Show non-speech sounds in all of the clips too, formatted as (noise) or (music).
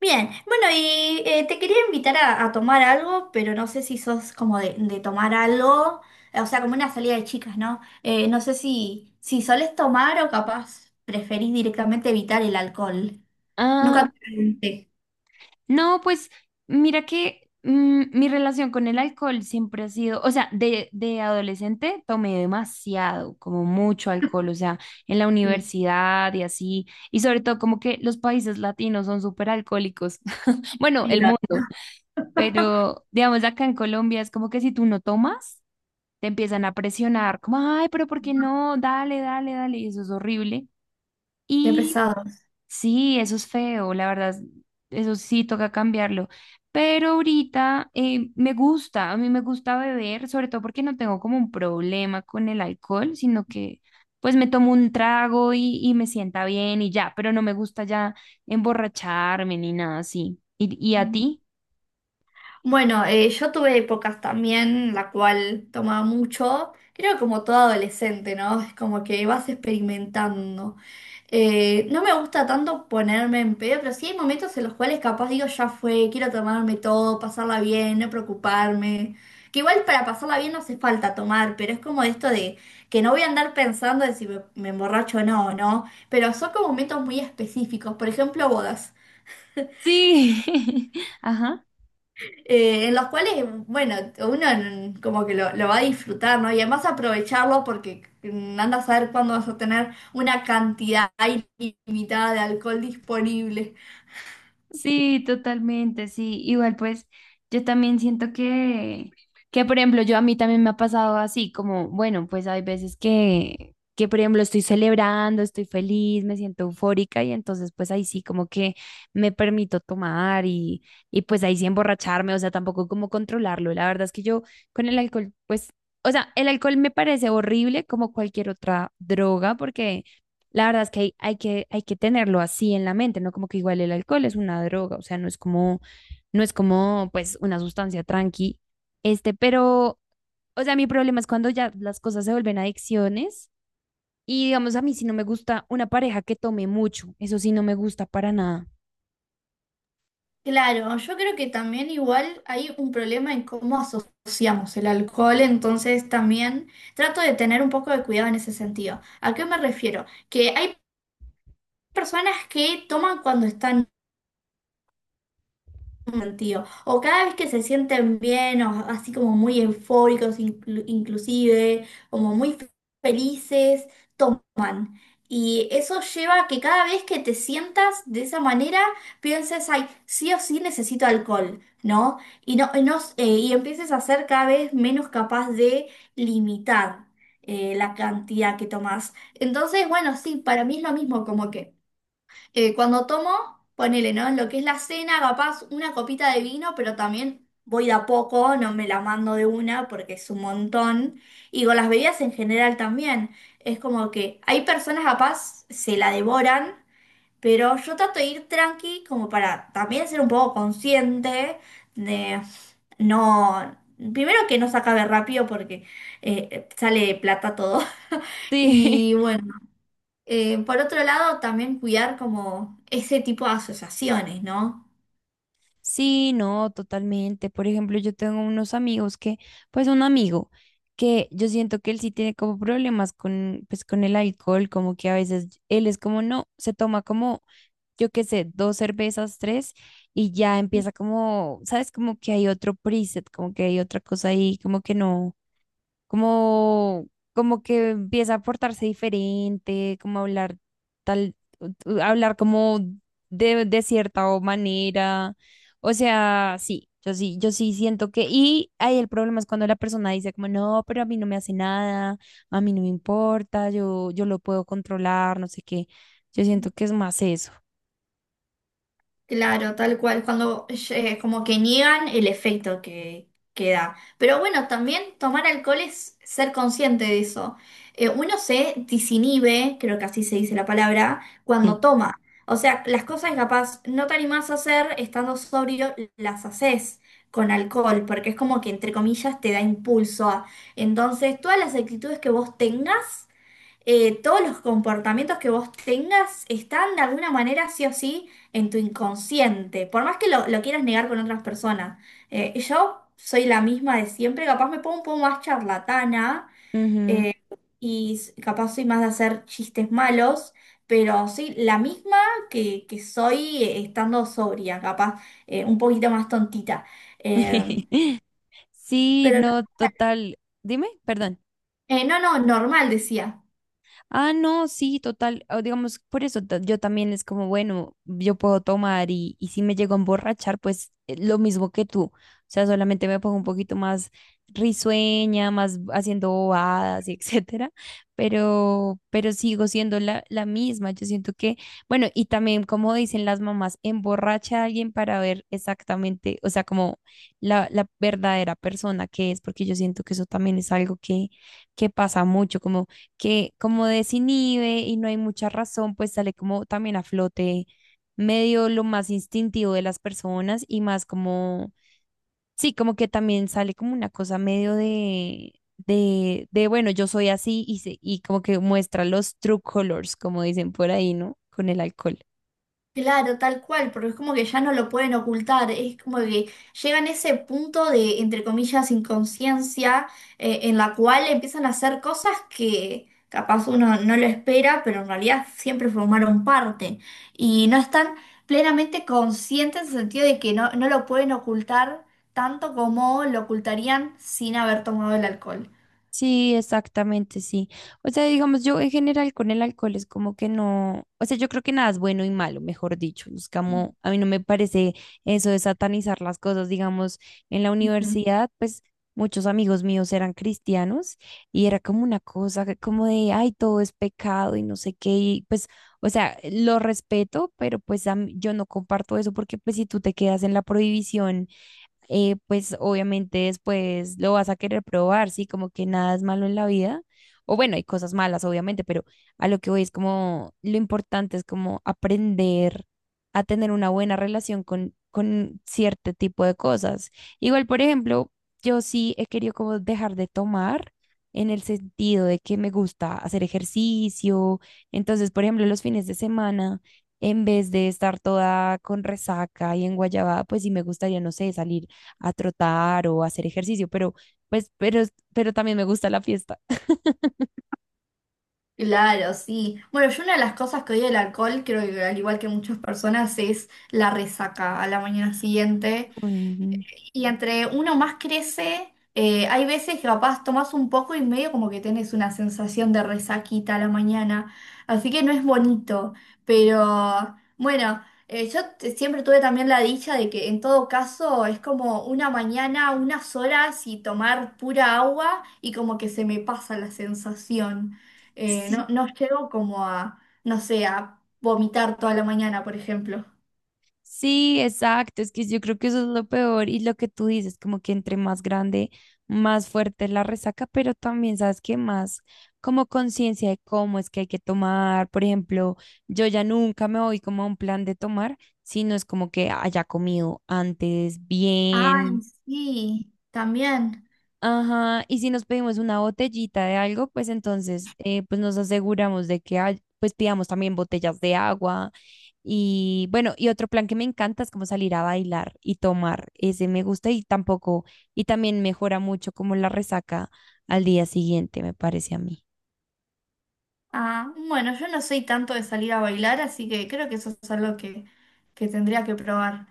Bien, bueno, y te quería invitar a tomar algo, pero no sé si sos como de tomar algo, o sea, como una salida de chicas, ¿no? No sé si solés tomar o capaz preferís directamente evitar el alcohol. Nunca Ah, te pregunté. no, pues mira que mi relación con el alcohol siempre ha sido, o sea, de adolescente tomé demasiado, como mucho alcohol, o sea, en la Sí, universidad y así, y sobre todo como que los países latinos son súper alcohólicos, (laughs) bueno, sí, el mundo, pero digamos acá en Colombia es como que si tú no tomas, te empiezan a presionar, como, ay, pero ¿por qué no? Dale, dale, dale, y eso es horrible. Qué Y pesados. Sí, eso es feo, la verdad, eso sí toca cambiarlo. Pero ahorita me gusta, a mí me gusta beber, sobre todo porque no tengo como un problema con el alcohol, sino que pues me tomo un trago y me sienta bien y ya, pero no me gusta ya emborracharme ni nada así. ¿Y a ti? Bueno, yo tuve épocas también la cual tomaba mucho, creo como todo adolescente, ¿no? Es como que vas experimentando. No me gusta tanto ponerme en pedo, pero sí hay momentos en los cuales capaz digo, ya fue, quiero tomarme todo, pasarla bien, no preocuparme. Que igual para pasarla bien no hace falta tomar, pero es como esto de que no voy a andar pensando de si me emborracho o no, ¿no? Pero son como momentos muy específicos, por ejemplo, bodas. Sí, (laughs) ajá. En los cuales, bueno, uno como que lo va a disfrutar, ¿no? Y además aprovecharlo porque anda a saber cuándo vas a tener una cantidad ilimitada de alcohol disponible. Sí, totalmente, sí. Igual pues yo también siento que por ejemplo, yo a mí también me ha pasado así, como, bueno, pues hay veces que por ejemplo estoy celebrando, estoy feliz, me siento eufórica y entonces pues ahí sí como que me permito tomar y pues ahí sí emborracharme, o sea, tampoco como controlarlo. La verdad es que yo con el alcohol, pues, o sea, el alcohol me parece horrible como cualquier otra droga porque... La verdad es que hay que tenerlo así en la mente, ¿no? Como que igual el alcohol es una droga, o sea, no es como, pues, una sustancia tranqui, este, pero, o sea, mi problema es cuando ya las cosas se vuelven adicciones y, digamos, a mí sí no me gusta una pareja que tome mucho, eso sí no me gusta para nada. Claro, yo creo que también igual hay un problema en cómo asociamos el alcohol, entonces también trato de tener un poco de cuidado en ese sentido. ¿A qué me refiero? Que hay personas que toman cuando están tío. O cada vez que se sienten bien, o así como muy eufóricos, inclusive, como muy felices, toman. Y eso lleva a que cada vez que te sientas de esa manera, pienses, ay, sí o sí necesito alcohol, ¿no? Y, no, y empieces a ser cada vez menos capaz de limitar la cantidad que tomas. Entonces, bueno, sí, para mí es lo mismo, como que… cuando tomo, ponele, ¿no? En lo que es la cena, capaz una copita de vino, pero también voy de a poco, no me la mando de una porque es un montón. Y con las bebidas en general también. Es como que hay personas capaz se la devoran, pero yo trato de ir tranqui como para también ser un poco consciente de no… Primero que no se acabe rápido porque sale plata todo. (laughs) Sí, Y bueno. Por otro lado, también cuidar como ese tipo de asociaciones, ¿no? (laughs) sí, no, totalmente. Por ejemplo, yo tengo unos amigos que, pues, un amigo que yo siento que él sí tiene como problemas con, pues, con el alcohol, como que a veces él es como, no, se toma como yo qué sé, dos cervezas, tres, y ya empieza como, ¿sabes? Como que hay otro preset, como que hay otra cosa ahí, como que no, como, como que empieza a portarse diferente, como hablar tal, hablar como de cierta o manera. O sea, sí, yo sí siento que, y ahí el problema es cuando la persona dice como, no, pero a mí no me hace nada, a mí no me importa, yo lo puedo controlar, no sé qué. Yo siento que es más eso. Claro, tal cual, cuando como que niegan el efecto que da. Pero bueno, también tomar alcohol es ser consciente de eso. Uno se disinhibe, creo que así se dice la palabra, cuando Sí. toma. O sea, las cosas que capaz no te animás a hacer estando sobrio, las haces con alcohol, porque es como que entre comillas te da impulso a- Entonces, todas las actitudes que vos tengas, todos los comportamientos que vos tengas están de alguna manera sí o sí en tu inconsciente, por más que lo quieras negar con otras personas. Yo soy la misma de siempre, capaz me pongo un poco más charlatana, Ujú. eh, capaz soy más de hacer chistes malos, pero soy la misma que soy estando sobria, capaz un poquito más tontita. Eh, (laughs) Sí, pero no, total. Dime, perdón. No, no, normal, decía. Ah, no, sí, total. O digamos, por eso yo también es como, bueno, yo puedo tomar y si me llego a emborrachar, pues lo mismo que tú. O sea, solamente me pongo un poquito más risueña, más haciendo bobadas y (laughs) etcétera, pero sigo siendo la misma. Yo siento que, bueno, y también como dicen las mamás, emborracha a alguien para ver exactamente, o sea, como la verdadera persona que es, porque yo siento que eso también es algo que pasa mucho, como que como desinhibe y no hay mucha razón, pues sale como también a flote medio lo más instintivo de las personas y más como, sí, como que también sale como una cosa medio de bueno, yo soy así y, y como que muestra los true colors, como dicen por ahí, ¿no? Con el alcohol. Claro, tal cual, porque es como que ya no lo pueden ocultar, es como que llegan a ese punto de, entre comillas, inconsciencia, en la cual empiezan a hacer cosas que capaz uno no lo espera, pero en realidad siempre formaron parte y no están plenamente conscientes en el sentido de que no, no lo pueden ocultar tanto como lo ocultarían sin haber tomado el alcohol. Sí, exactamente, sí. O sea, digamos, yo en general con el alcohol es como que no, o sea, yo creo que nada es bueno y malo, mejor dicho. Es como, a mí no me parece eso de satanizar las cosas, digamos, en la universidad, pues muchos amigos míos eran cristianos y era como una cosa que como de, ay, todo es pecado y no sé qué, y pues, o sea, lo respeto, pero pues yo no comparto eso porque pues si tú te quedas en la prohibición pues obviamente después lo vas a querer probar, ¿sí? Como que nada es malo en la vida. O bueno, hay cosas malas, obviamente, pero a lo que voy es como lo importante es como aprender a tener una buena relación con cierto tipo de cosas. Igual, por ejemplo, yo sí he querido como dejar de tomar en el sentido de que me gusta hacer ejercicio. Entonces, por ejemplo, los fines de semana, en vez de estar toda con resaca y en guayabada, pues sí me gustaría, no sé, salir a trotar o a hacer ejercicio, pero pues, pero también me gusta la fiesta. Claro, sí. Bueno, yo una de las cosas que odio del alcohol, creo que al igual que muchas personas, es la resaca a la mañana siguiente. (laughs) Ujú. Y entre uno más crece, hay veces que capaz tomás un poco y medio como que tenés una sensación de resaquita a la mañana. Así que no es bonito. Pero bueno, siempre tuve también la dicha de que en todo caso es como una mañana, unas horas y tomar pura agua y como que se me pasa la sensación. Sí, No, no llego como a, no sé, a vomitar toda la mañana, por ejemplo. sí, exacto. Es que yo creo que eso es lo peor y lo que tú dices, como que entre más grande, más fuerte es la resaca, pero también sabes que más como conciencia de cómo es que hay que tomar. Por ejemplo, yo ya nunca me voy como a un plan de tomar, sino es como que haya comido antes Ay, bien. sí, también. Ajá, y si nos pedimos una botellita de algo, pues entonces pues nos aseguramos de que hay, pues pidamos también botellas de agua. Y bueno, y otro plan que me encanta es como salir a bailar y tomar. Ese me gusta y tampoco, y también mejora mucho como la resaca al día siguiente, me parece a mí. Ah, bueno, yo no soy tanto de salir a bailar, así que creo que eso es algo que tendría que probar.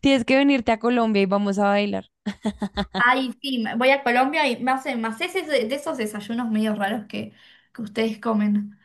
Tienes que venirte a Colombia y vamos a bailar. Ay, sí, voy a Colombia y me hacen más ese de esos desayunos medio raros que ustedes comen.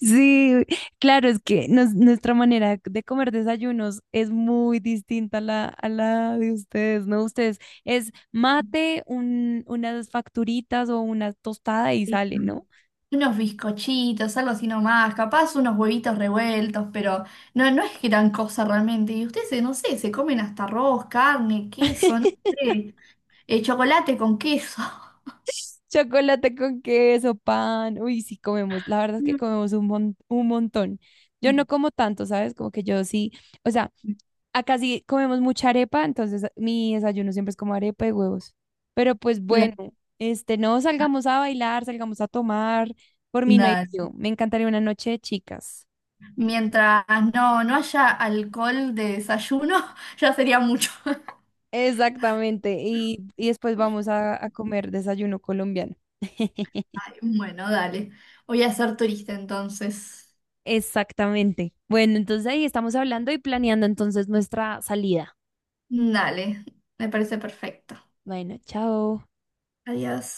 Sí, claro, es que nuestra manera de comer desayunos es muy distinta a la de ustedes, ¿no? Ustedes es mate, unas facturitas o una tostada y Sí. sale, ¿no? Unos bizcochitos, algo así nomás, capaz unos huevitos revueltos, pero no, no es gran cosa realmente. Y ustedes, no sé, se comen hasta arroz, carne, queso, no (laughs) sé, chocolate con queso. (laughs) Chocolate con queso, pan. Uy, sí comemos. La verdad es que (laughs) comemos un montón. Yo Mm. no como tanto, ¿sabes? Como que yo sí. O sea, acá sí comemos mucha arepa, entonces mi desayuno siempre es como arepa y huevos. Pero pues bueno, este, no salgamos a bailar, salgamos a tomar. Por mí no hay La- lío. Me encantaría una noche de chicas. Mientras no, no haya alcohol de desayuno, (laughs) ya sería mucho. (laughs) Exactamente. Y después vamos a comer desayuno colombiano. (laughs) Ay, bueno, dale. Voy a ser turista entonces. Exactamente. Bueno, entonces ahí estamos hablando y planeando entonces nuestra salida. Dale, me parece perfecto. Bueno, chao. Adiós.